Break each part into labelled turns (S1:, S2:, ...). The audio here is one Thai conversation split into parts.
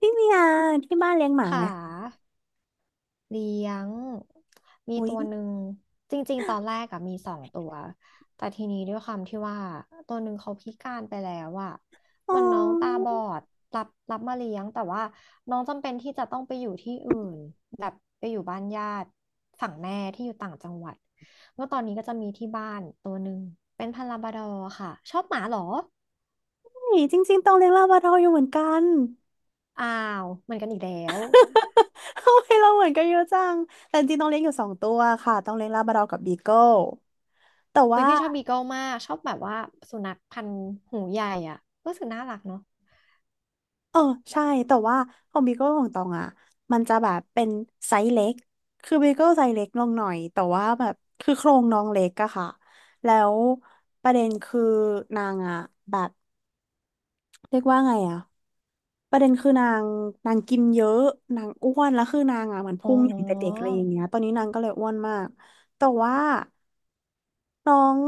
S1: พี่เมียที่บ้านเลี้ยงหมาไหม
S2: ขาเลี้ยงมี
S1: อุ๊ย
S2: ตัวหนึ่งจริงๆตอนแรกอะมีสองตัวแต่ทีนี้ด้วยความที่ว่าตัวหนึ่งเขาพิการไปแล้วอะ
S1: อ๋
S2: มันน้องตา
S1: อ
S2: บอดรับมาเลี้ยงแต่ว่าน้องจำเป็นที่จะต้องไปอยู่ที่อื่นแบบไปอยู่บ้านญาติฝั่งแม่ที่อยู่ต่างจังหวัดก็ตอนนี้ก็จะมีที่บ้านตัวหนึ่งเป็นพันธุ์ลาบราดอร์ค่ะชอบหมาเหรอ
S1: จริงๆตองเลี้ยงลาบราดอร์อยู่เหมือนกัน
S2: อ้าวเหมือนกันอีกแล้ว
S1: ทำไมเราเหมือนกันเยอะจังแต่จริงๆต้องเลี้ยงอยู่สองตัวค่ะต้องเลี้ยงลาบราดอร์กับบีเกิลแต่
S2: อุ้ย
S1: ว่า
S2: พี่ชอบบีเกิลมากชอบแบบว่าสุนัขพันธุ์หูใหญ่อ่ะรู้สึกน่ารักเนาะ
S1: เออใช่แต่ว่าของบีเกิลของตองอ่ะมันจะแบบเป็นไซส์เล็กคือบีเกิลไซส์เล็กลงหน่อยแต่ว่าแบบคือโครงน้องเล็กอะค่ะแล้วประเด็นคือนางอะแบบ เรียกว่าไงอ่ะประเด็นคือนางนางกินเยอะนางอ้วนแล้วคือนางอ่ะเหมือน
S2: อ๋
S1: พุงใหญ่แต่เด็ก
S2: อ
S1: อะไรอย่างเงี้ยตอนนี้นางก็เลยอ้วนมากแต่ว่าน้อง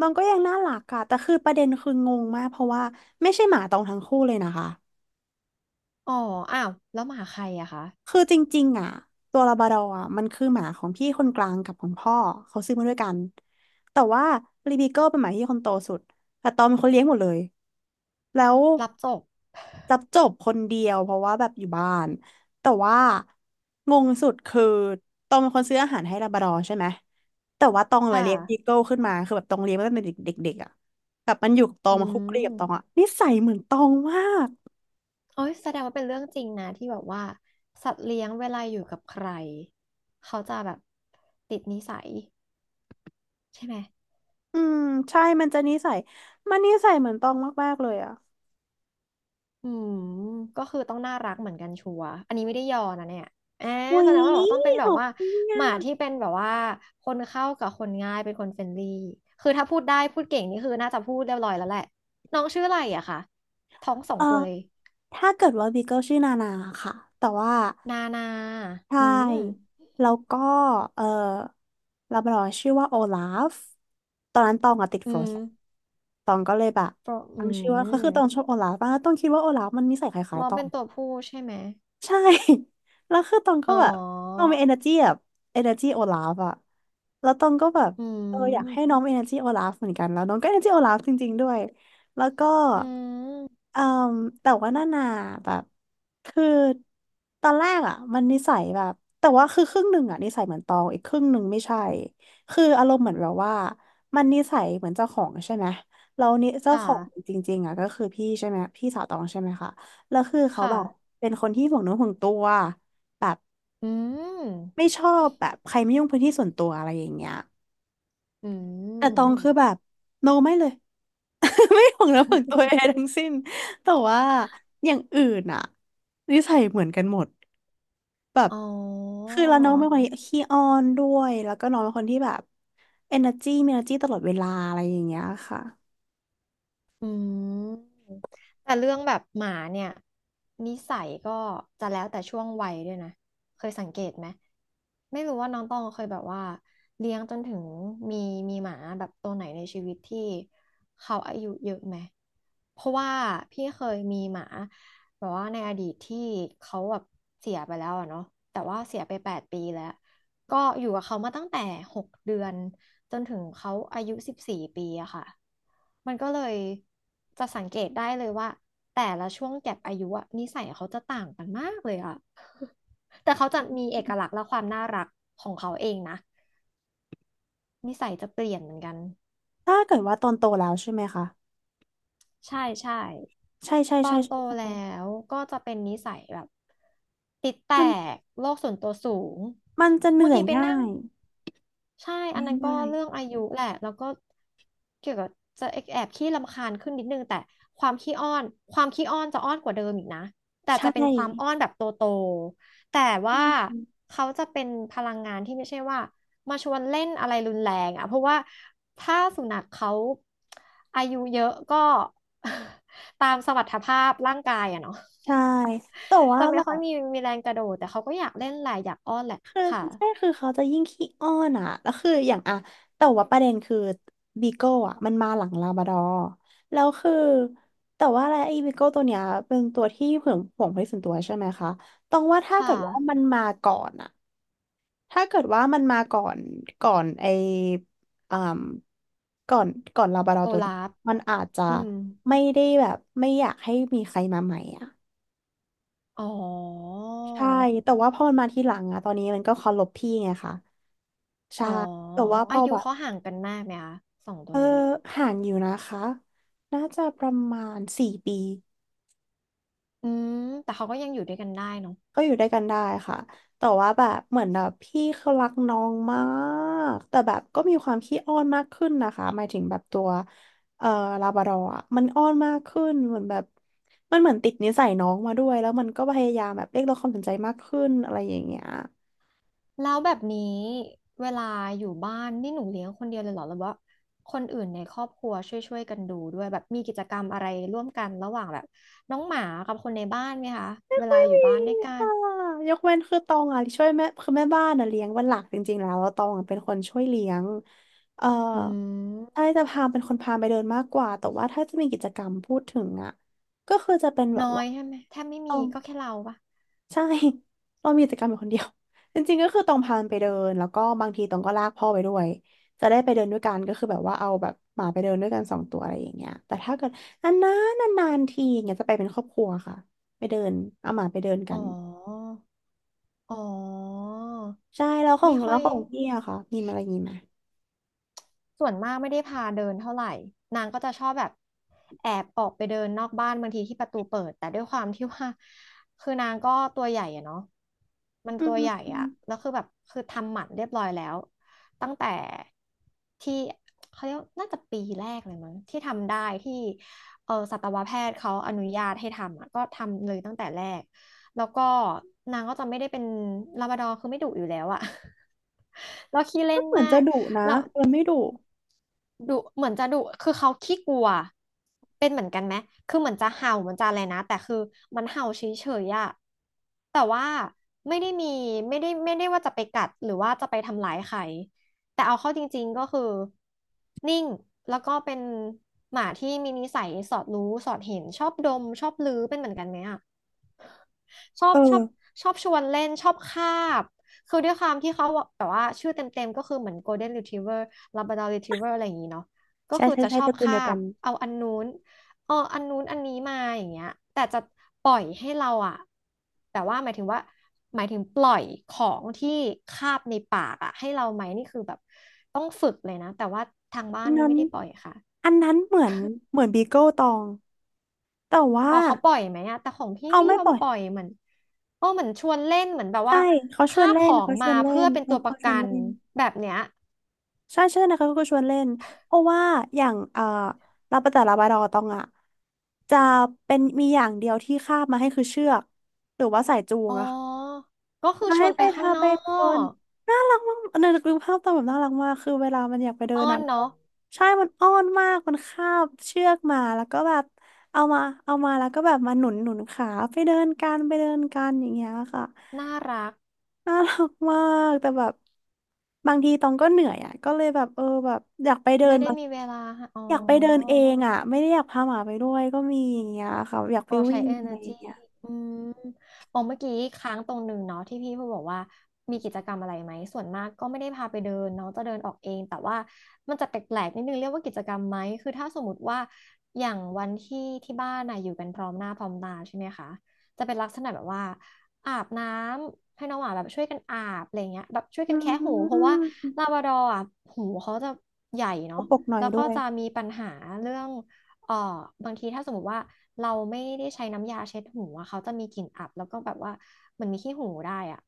S1: น้องก็ยังน่ารักอะแต่คือประเด็นคืองงมากเพราะว่าไม่ใช่หมาตองทั้งคู่เลยนะคะ
S2: อ๋ออ้าวแล้วหมาใครอะคะ
S1: คือจริงๆอ่ะตัวลาบราดอร์อ่ะมันคือหมาของพี่คนกลางกับของพ่อเขาซื้อมาด้วยกันแต่ว่ารีบีเกิลเป็นหมาที่คนโตสุดแต่ตอมเป็นคนเลี้ยงหมดเลยแล้ว
S2: รับจบ
S1: รับจบคนเดียวเพราะว่าแบบอยู่บ้านแต่ว่างงสุดคือตองเป็นคนซื้ออาหารให้ลาบราดอร์ใช่ไหมแต่ว่าตองมา
S2: ค่ะ
S1: เลี้ยงบีเกิลขึ้นมาคือแบบตองเลี้ยงมาตั้งแต่เด็กๆอ่ะแบบมันอยู่กับตอ
S2: อื
S1: งมาคุกคีกับตองอ่ะ
S2: ม
S1: นิสัยเหมือนตองมาก
S2: โอ้ยแสดงว่าเป็นเรื่องจริงนะที่แบบว่าสัตว์เลี้ยงเวลาอยู่กับใครเขาจะแบบติดนิสัยใช่ไหม
S1: อืมใช่มันจะนิสัยมันนิสัยเหมือนตองมากๆเลยอ่ะ
S2: อืม ก็คือต้องน่ารักเหมือนกันชัวร์อันนี้ไม่ได้ยอนะเนี่ยแอบ
S1: อุ๊
S2: แส
S1: ย
S2: ดงว่าแบบต้องเป็น
S1: ข
S2: แบบ
S1: อบ
S2: ว่า
S1: คุณ
S2: ห
S1: อ่ะ
S2: มาที่เป็นแบบว่าคนเข้ากับคนง่ายเป็นคนเฟรนลี่คือถ้าพูดได้พูดเก่งนี่คือน่าจะพูดเรียบร้อยแล้วแหละ น้องชื่ออะไรอะคะ ท้องสอ
S1: เอ
S2: ง
S1: อ
S2: ตัวเลย
S1: ถ้าเกิดว่าบีเกิลชื่อนานาค่ะแต่ว่า
S2: นานา
S1: ใช่
S2: อืม
S1: แล้วก็เออลาบราดอร์ชื่อว่าโอลาฟตอนนั้นตองอะติด
S2: อื
S1: โฟร์
S2: ม
S1: แลนด์ตองก็เลยแบบ
S2: โปรอื
S1: ตั้งชื่อว่าก็
S2: ม
S1: คือตองชอบโอลาฟมากตองคิดว่าโอลาฟมันนิสัยคล้าย
S2: น้อ
S1: ๆ
S2: ง
S1: ตอ
S2: เป็
S1: ง
S2: นตัวผู้ใช่ไหม
S1: ใช่ แล้วคือตองก็
S2: อ๋อ
S1: แบบตองมี energy แบบ energy โอลาฟอะแล้วตองก็แบบ
S2: อื
S1: เอออยากให้น้อ
S2: ม
S1: งมี energy โอลาฟเหมือนกันแล้วน้องก็ energy โอลาฟจริงๆด้วยแล้วก็
S2: อืม
S1: เอ่อแต่ว่านานาแบบคือตอนแรกอะมันนิสัยแบบแต่ว่าคือครึ่งหนึ่งอะนิสัยเหมือนตองอีกครึ่งหนึ่งไม่ใช่คืออารมณ์เหมือนแบบว่ามันนิสัยเหมือนเจ้าของใช่ไหมแล้วนี่เจ้า
S2: ค่ะ
S1: ของจริงๆอะก็คือพี่ใช่ไหมพี่สาวตองใช่ไหมคะ แล้วคือเขา
S2: ค่ะ
S1: แบบเป็นคนที่ห่วงเนื้อห่วงตัวแบบ
S2: อืม
S1: ไม่ชอบแบบใครไม่ยุ่งพื้นที่ส่วนตัวอะไรอย่างเงี้ย
S2: อื
S1: แต่ตองคือ
S2: ม
S1: แบบโนไม่เลย ไม่ห่วงเนื้อห่วงตัวใดทั้งสิ้นแต่ว่าอย่างอื่นอะนิสัยเหมือนกันหมดแบบ
S2: อ๋อ
S1: คือแล้วน้องเป็นคนขี้อ้อนด้วยแล้วก็น้องเป็นคนที่แบบเอเนอร์จีมีเออร์จีตลอดเวลาอะไรอย่างเงี้ยค่ะ
S2: อืมแต่เรื่องแบบหมาเนี่ยนิสัยก็จะแล้วแต่ช่วงวัยด้วยนะเคยสังเกตไหมไม่รู้ว่าน้องตองเคยแบบว่าเลี้ยงจนถึงมีมีหมาแบบตัวไหนในชีวิตที่เขาอายุเยอะไหมเพราะว่าพี่เคยมีหมาแบบว่าในอดีตที่เขาแบบเสียไปแล้วอะเนาะแต่ว่าเสียไป8 ปีแล้ว ก็อยู่กับเขามาตั้งแต่6 เดือนจนถึงเขาอายุ14 ปีอะค่ะมันก็เลยจะสังเกตได้เลยว่าแต่ละช่วงแก็ปอายุอะนิสัยเขาจะต่างกันมากเลยอะ แต่เขาจะมีเอกลักษณ์และความน่ารักของเขาเองนะนิสัยจะเปลี่ยนเหมือนกัน
S1: ถ้าเกิดว่าตอนโตแล้วใช่ไหมคะ
S2: ใช่ใช่
S1: ใช่ใช่
S2: ตอ
S1: ใช่
S2: นโต
S1: ใช่
S2: แล้
S1: ใช่
S2: วก็จะเป็นนิสัยแบบติดแต
S1: มัน
S2: กโลกส่วนตัวสูง
S1: มันจะเห
S2: บา
S1: นื่
S2: ง
S1: อย
S2: ทีไป
S1: ง่า
S2: นั่ง
S1: ย
S2: ใช่อันนั้นก็
S1: ง่าย
S2: เรื่องอายุแหละแล้วก็เกี่ยวกับจะแอบขี้รำคาญขึ้นนิดนึง แต่ความขี้อ้อน ความขี้อ้อนจะอ้อนกว่าเดิมอีกนะแต่
S1: ใช
S2: จะเป็
S1: ่
S2: นความอ้อนแบบโตโตแต่
S1: อื
S2: ว่า
S1: ม
S2: เขาจะเป็นพลังงานที่ไม่ใช่ว่ามาชวนเล่นอะไรรุนแรงอ่ะเพราะว่าถ้าสุนัขเขาอายุเยอะก็ ตามสมรรถภาพร่างกายอะเนาะ
S1: ใช่แต่ว่า
S2: จะไม่
S1: แบ
S2: ค่อย
S1: บ
S2: มีมีแรงกระโดดแต่เขาก็อยากเล่นแหละอยากอ้อนแหละ
S1: คือ
S2: ค่ะ
S1: ใช่คือเขาจะยิ่งขี้อ้อนอ่ะแล้วคืออย่างอ่ะแต่ว่าประเด็นคือบีโก้อ่ะมันมาหลังลาบราดอร์แล้วคือแต่ว่าอะไรไอ้บีโก้ตัวเนี้ยเป็นตัวที่ห่วงห่วงที่สวนตัวใช่ไหมคะต้องว่าถ้าเกิ
S2: ค่ะ
S1: ดว่ามันมาก่อนอ่ะถ้าเกิดว่ามันมาก่อนก่อนไอ้อ่าก่อนก่อนลาบราดอ
S2: โอ
S1: ร์ตัวเนี้ย
S2: ลาฟ
S1: มันอาจจะ
S2: อืม
S1: ไม่ได้แบบไม่อยากให้มีใครมาใหม่อ่ะ
S2: อ๋อ
S1: ใช่ แต่ว่าพอมันมาทีหลังอะตอนนี้มันก็เคารพพี่ไงคะใช่
S2: อ๋อ
S1: แต่ว่าพ
S2: อา
S1: อ
S2: ยุ
S1: แบบ
S2: เขาห่างกันมากไหมคะสองตั
S1: เอ
S2: ว
S1: อ
S2: นี้
S1: ห่างอยู่นะคะน่าจะประมาณ4 ปี
S2: อืมแต่เขาก็ยังอยู่ด้วยกันได้เนาะ
S1: ก็อยู่ด้วยกันได้ค่ะ แต่ว่าแบบ เหมือนแบบพี่เขารักน้องมาก แต่แบบก็มีความขี้อ้อนมากขึ้นนะคะหมายถึงแบบตัวเอ่อลาบราดอร์อะมันอ้อนมากขึ้นเหมือนแบบมันเหมือนติดนิสัยน้องมาด้วย แล้วมันก็พยายามแบบเรียกร้องความสนใจมากขึ้นอะไรอย่างเงี้ย
S2: แล้วแบบนี้เวลาอยู่บ้านนี่หนูเลี้ยงคนเดียวเลยเหรอหรือว่าคนอื่นในครอบครัวช่วยกันดูด้วยแบบมีกิจกรรมอะไรร่วมกันระหว่างแบบน้องหมากับคนในบ้านไหมคะเวลาอยู่บ้านด้วยกัน
S1: ค่ะยกเว้นคือตองอ่ะช่วยแม่คือแม่บ้านอ่ะเลี้ยงวันหลักจริงๆแล้วแล้วตองอะเป็นคนช่วยเลี้ยงเอ่อ
S2: อื
S1: ไอ้
S2: ม
S1: จะพาเป็นคนพาไปเดินมากกว่า แต่ว่าถ้าจะมีกิจกรรมพูดถึงอ่ะก็คือจะเป็นแบบ
S2: น้อ
S1: ว่า
S2: ยใช่ไหมแทบไม่
S1: ตอ
S2: มี
S1: ง
S2: ก็แค่เราปะ
S1: ใช่ ตองมีกิจกรรมอยู่คนเดียว จริงๆก็คือตองพามันไปเดินแล้วก็บางทีตองก็ลากพ่อไปด้วย จะได้ไปเดินด้วยกันก็คือแบบว่าเอาแบบหมาไปเดินด้วยกันสองตัวอะไรอย่างเงี้ยแต่ถ้าเกิดนานๆนานๆทีอย่างเงี้ยจะไปเป็นครอบครัวค่ะไปเดินเอาหมาไปเดินกั
S2: อ๋อ
S1: น
S2: อ๋อ
S1: ใช่แล้วขอ
S2: ไม่
S1: งแล้
S2: ค่อ
S1: ว
S2: ย
S1: ของพี่อะค่ะมีอะไรนี้ไหม
S2: ส่วนมากไม่ได้พาเดินเท่าไหร่นางก็จะชอบแบบแอบออกไปเดินนอกบ้านบางทีที่ประตูเปิดแต่ด้วยความที่ว่าคือนางก็ตัวใหญ่อะเนาะมัน
S1: อื
S2: ตัวใหญ่
S1: ม
S2: อะแล้วคือแบบคือทำหมันเรียบร้อยแล้วตั้งแต่ที่เขาเรียกน่าจะปีแรกเลยมั้งที่ทำได้ที่เออสัตวแพทย์เขาอนุญาตให้ทำอะก็ทำเลยตั้งแต่แรกแล้วก็นางก็จะไม่ได้เป็นลาบราดอร์คือไม่ดุอยู่แล้วอะ แล้วขี้เล่
S1: ก็
S2: น
S1: เหมือน
S2: มา
S1: จะ
S2: ก
S1: ดุนะ
S2: แล้ว
S1: แต่ไม่ดุ
S2: ดุเหมือนจะดุคือเขาขี้กลัวเป็นเหมือนกันไหมคือเหมือนจะเห่าเหมือนจะอะไรนะแต่คือมันเห่าเฉยๆอะแต่ว่าไม่ได้มีไม่ได้ว่าจะไปกัดหรือว่าจะไปทำร้ายใครแต่เอาเข้าจริงๆก็คือนิ่งแล้วก็เป็นหมาที่มีนิสัยสอดรู้สอดเห็นชอบดมชอบลือเป็นเหมือนกันไหมอะ ชอ
S1: เอ
S2: บชอ
S1: อ
S2: บชอบชวนเล่นชอบคาบคือด้วยความที่เขาแบบว่าชื่อเต็มๆก็คือเหมือน Golden Retriever Labrador Retriever อะไรอย่างนี้เนาะก็
S1: ใช่
S2: คือ
S1: ใช่
S2: จะ
S1: ใช่
S2: ชอ
S1: ต
S2: บ
S1: ระกูล
S2: คา
S1: เดียวกั
S2: บ
S1: น
S2: เอาอันนู้นเอออันนู้นอันนี้มาอย่างเงี้ยแต่จะปล่อยให้เราอะแต่ว่าหมายถึงว่าหมายถึงปล่อยของที่คาบในปากอะให้เราไหมนี่คือแบบต้องฝึกเลยนะแต่ว่าทางบ้า
S1: อั
S2: น
S1: น
S2: นี่
S1: นั้น
S2: ไม่ได้ปล่อยค่ะ
S1: อันนั้นเหมือนเหมือนบีเกิลตองแต่ว่า
S2: อ๋อเขาปล่อยไหมอะแต่ของพี่
S1: เขา
S2: ไม่
S1: ไม่
S2: ยอ
S1: ป
S2: ม
S1: ล่อย
S2: ปล่อยเหมือนเออเหมือนชวนเล่นเหมือนแบบ
S1: ใช่
S2: ว่า
S1: เขาชว
S2: คา
S1: น
S2: บ
S1: เล่
S2: ข
S1: น
S2: อง
S1: เขาช
S2: มา
S1: วนเล่
S2: เพื่อ
S1: น
S2: เป็นตั
S1: นะ
S2: วป
S1: เขา
S2: ระ
S1: ชว
S2: กั
S1: น
S2: น
S1: เล่น
S2: แบบเนี้ย
S1: ใช่ใช่นะคะเขาก็ชวนเล่นเพราะว่าอย่างลาปะแต่ลาบราดอร์ตองอะจะเป็นมีอย่างเดียวที่คาบมาให้คือเชือกหรือว่าสายจูง
S2: อ๋
S1: อะะ
S2: อ ก็คือ
S1: มา
S2: ช
S1: ให้
S2: วน
S1: ไป
S2: ไปข้า
S1: ทา
S2: งน
S1: ไป
S2: อ
S1: เดิน
S2: ก
S1: น่ารักมากเนยนึกดูภาพตอนแบบน่ารักมากคือเวลามันอยากไปเดิน
S2: อ้อ
S1: นะ
S2: นเนาะ
S1: ใช่มันอ้อนมากมันคาบเชือกมาแล้วก็แบบเอามาเอามาแล้วก็แบบมาหนุนหนุนขาไปเดินกันไปเดินกันอย่างเงี้ยค่ะ
S2: น่ารัก
S1: น่ารักมากแต่แบบบางทีตองก็เหนื่อยอ่ะก็เลยแบบเออแบบอยากไปเดิ
S2: ไม่
S1: น
S2: ได้
S1: มาง
S2: มีเวลาให้อ๋อ
S1: อยากไปเดินเองอ่ะไม่ได้อยากพาหมาไปด้วยก็มีอย่างเงี้ยค่ะอยากไป
S2: อ๋อใช้
S1: วิ่งอะไรอ
S2: energy
S1: ย่างเงี้ย
S2: อืมอ๋อเมื่อกี้ค้างตรงหนึ่งเนาะที่พี่พูดบอกว่ามีกิจกรรมอะไรไหมส่วนมากก็ไม่ได้พาไปเดินน้องจะเดินออกเองแต่ว่ามันจะแปลกๆนิดนึงเรียกว่ากิจกรรมไหมคือถ้าสมมติว่าอย่างวันที่ที่บ้านน่ะอยู่กันพร้อมหน้าพร้อมตาใช่ไหมคะจะเป็นลักษณะแบบว่าอาบน้ำให้น้องหมาแบบช่วยกันอาบอะไรเงี้ยแบบช่วย
S1: อื
S2: กันแคะหูเพราะว่าลา
S1: ม
S2: บราดอร์อ่ะหูเขาจะใหญ่
S1: ก
S2: เนาะ
S1: ระปรกหน่อย
S2: แล้ว
S1: ด้
S2: ก็
S1: วย
S2: จะมีปัญหาเรื่อง เอ่อบางทีถ้าสมมติว่าเราไม่ได้ใช้น้ำยาเช็ดหูอะเขาจะมีกลิ่นอับแล้วก็แบบว่าเหมันมีขี้หูได้อะ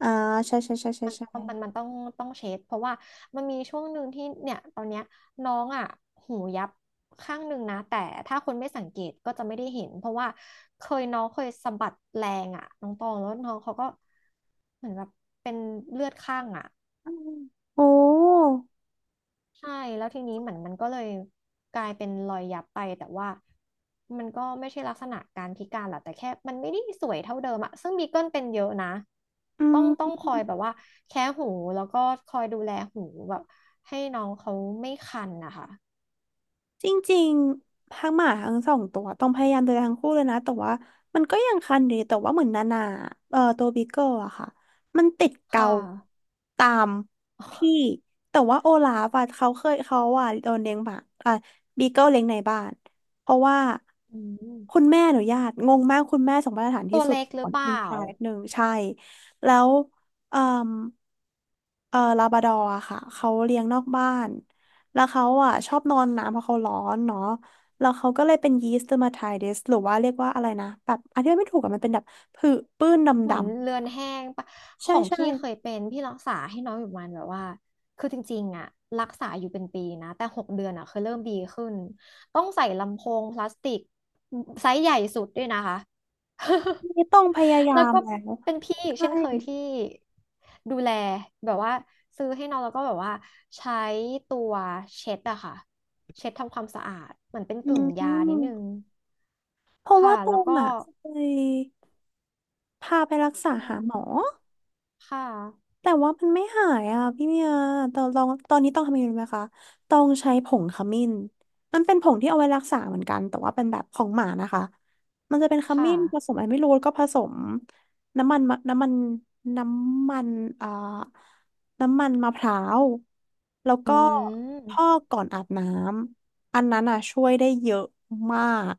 S1: อ่าใช่ใช่ใช่ใช่
S2: มัน
S1: ใช่
S2: มันมันมันต้องเช็ดเพราะว่ามันมีช่วงหนึ่งที่เนี่ยตอนเนี้ยน้องอะหูยับข้างหนึ่งนะแต่ถ้าคนไม่สังเกตก็จะไม่ได้เห็นเพราะว่าเคยน้องเคยสะบัดแรงอะน้องตองแล้วน้องเขาก็เหมือนแบบเป็นเลือดข้างอะ
S1: โอ้
S2: ใช่แล้วทีนี้เหมือนมันก็เลยกลายเป็นรอยยับไปแต่ว่ามันก็ไม่ใช่ลักษณะการพิการหรอกแต่แค่มันไม่ได้สวยเท่าเดิมอะซึ่งบีเกิลเป็นเยอะนะ
S1: อื
S2: ต้อง
S1: ม
S2: ต้องคอยแบบว่าแค่หูแล้วก็คอยดูแลหูแบบให้น้องเขาไม่คันนะคะ
S1: จริงๆทั้งหมาทั้งสองตัวต้องพยายามดูแลทั้งคู่เลยนะแต่ว่ามันก็ยังคัน่ดีแต่ว่าเหมือนนานาตัวบิกเกิลอะค่ะมันติดเกา
S2: ค่ะ
S1: ตามพี่ แต่ว่าโอลาฟอะเขาเคยเขาอะโดนเลี้ยงหมาอ่ะบิกเกิลเลี้ยงในบ้านเพราะว่า
S2: อืม
S1: คุณแม่อนุญาตงงมากคุณแม่ส่งมาตรฐาน
S2: ตั
S1: ที่
S2: ว
S1: สุด
S2: เล็กห
S1: ข
S2: รื
S1: อ
S2: อ
S1: ง
S2: เป
S1: เป็นง
S2: ล่า
S1: ชายหนึ่งใช่แล้วเอ่อลาบราดอร์อะค่ะเขาเลี้ยงนอกบ้าน แล้วเขาอ่ะชอบนอนน้ำเพราะเขาร้อนเนาะแล้วเขาก็เลยเป็นยีสต์เดอร์มาไทติสหรือว่าเรียกว่าอะไรนะแบบอธิบายไม่ถูกอะมันเป็นแบบผื่นปื้นด
S2: เหมือนเลือนแห้งปะ
S1: ำๆ
S2: ข
S1: ใช่
S2: อง
S1: ใช่
S2: พี่เคยเป็นพี่รักษาให้น้องอยู่ประมันแบบว่าคือจริงๆอะรักษาอยู่เป็นปีนะแต่6 เดือนอะเคยเริ่มดีขึ้นต้องใส่ลำโพงพลาสติกไซส์ใหญ่สุดด้วยนะคะ
S1: นี่ต้องพยา ยา
S2: แล้ว
S1: ม
S2: ก็
S1: แล้ว
S2: เป็นพี่อีก
S1: ใช่
S2: เช่นเคยที่ดูแลแบบว่าซื้อให้น้องแล้วก็แบบว่าใช้ตัวเช็ดอะค่ะเช็ดทำความสะอาดเหมือนเป็น
S1: อื
S2: กึ่งยานิดนึง
S1: มเพราะว่า
S2: ค่ะ
S1: ตร
S2: แล้ว
S1: ง
S2: ก็
S1: อ่ะเคยพาไปรักษาหาหม
S2: ค่ะ
S1: อ แต่ว่ามันไม่หายอ่ะพี่เมียตอนลองตอนนี้ต้องทำยังไงรู้ไหมคะต้องใช้ผงขมิ้นมันเป็นผงที่เอาไว้รักษาเหมือนกันแต่ว่าเป็นแบบของหมานะคะมันจะเป็นข
S2: ค่ะ
S1: มิ้นผสมอะไรไม่รู้แล้วก็ผสมน้ำมันมะน้ำมันน้ำมันอ่าน้ำมันมะพร้าวแล้ว
S2: อื
S1: ก็พอ
S2: ม
S1: กก่อนอาบน้ำอันนั้นอ่ะช่วยได้เยอะมาก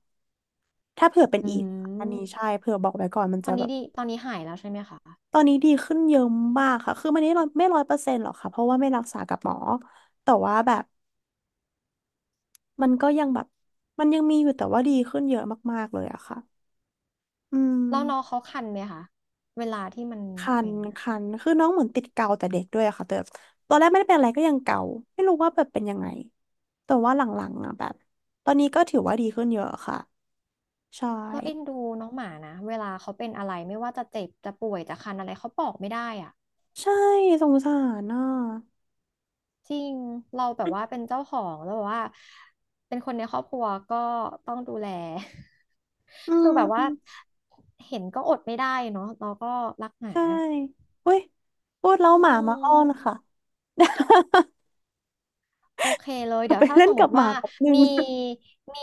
S1: ถ้าเผื่อเป็น
S2: อื
S1: อีกอันนี้
S2: ม
S1: ใช่เผื่อบอกไว้ก่อนมัน
S2: ตอ
S1: จะ
S2: น
S1: แบ
S2: นี้
S1: บ
S2: ดีตอนนี้หายแล้วใช่ไหมคะ
S1: ตอนนี้ดีขึ้นเยอะมากค่ะคือมันไม่ร้อยเปอร์เซ็นต์หรอกค่ะเพราะว่าไม่รักษากับหมอแต่ว่าแบบมันก็ยังแบบมันยังมีอยู่แต่ว่าดีขึ้นเยอะมากๆเลยอะค่ะอื
S2: แล้วน้อง
S1: ม
S2: เขาคันไหมคะเวลาที่มัน
S1: คัน
S2: เป็นน่ะ
S1: คันคือน้องเหมือนติดเกาแต่เด็กด้วยอะค่ะแต่ตอนแรกไม่ได้เป็นอะไรก็ยังเกาไม่รู้ว่าแบบเป็นยังไงแต่ว่าหลังๆอะแบบตอนนี้ก็ถือว่าดีขึ้นเยอะค่ะ ใช่
S2: เราเอ็นดูน้องหมานะเวลาเขาเป็นอะไรไม่ว่าจะเจ็บจะป่วยจะคันอะไรเขาบอกไม่ได้อะ
S1: ใช่สงสารอ่ะ
S2: จริงเราแบบว่าเป็นเจ้าของแล้วแบบว่าเป็นคนในครอบครัวก็ต้องดูแล
S1: อื
S2: คือแบบว่า
S1: ม
S2: เห็นก็อดไม่ได้เนาะเราก็รักหมา
S1: ใช่เฮ้ยพูดแล้ว
S2: อื
S1: หมามาอ้อนค่ะ
S2: ม โอเคเลยเดี๋ย
S1: ไป
S2: วถ้า
S1: เล่
S2: ส
S1: น
S2: มม
S1: กับ
S2: ติ
S1: หมา
S2: ว่า
S1: แป๊บนึง
S2: มี มี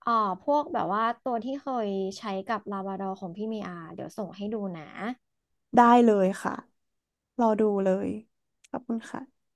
S2: เอ่อพวกแบบว่าตัวที่เคยใช้กับลาบราดอของพี่เมีอาเดี๋ยวส่งให้ดูนะ
S1: ได้เลยค่ะรอดูเลยขอบคุณค่ะ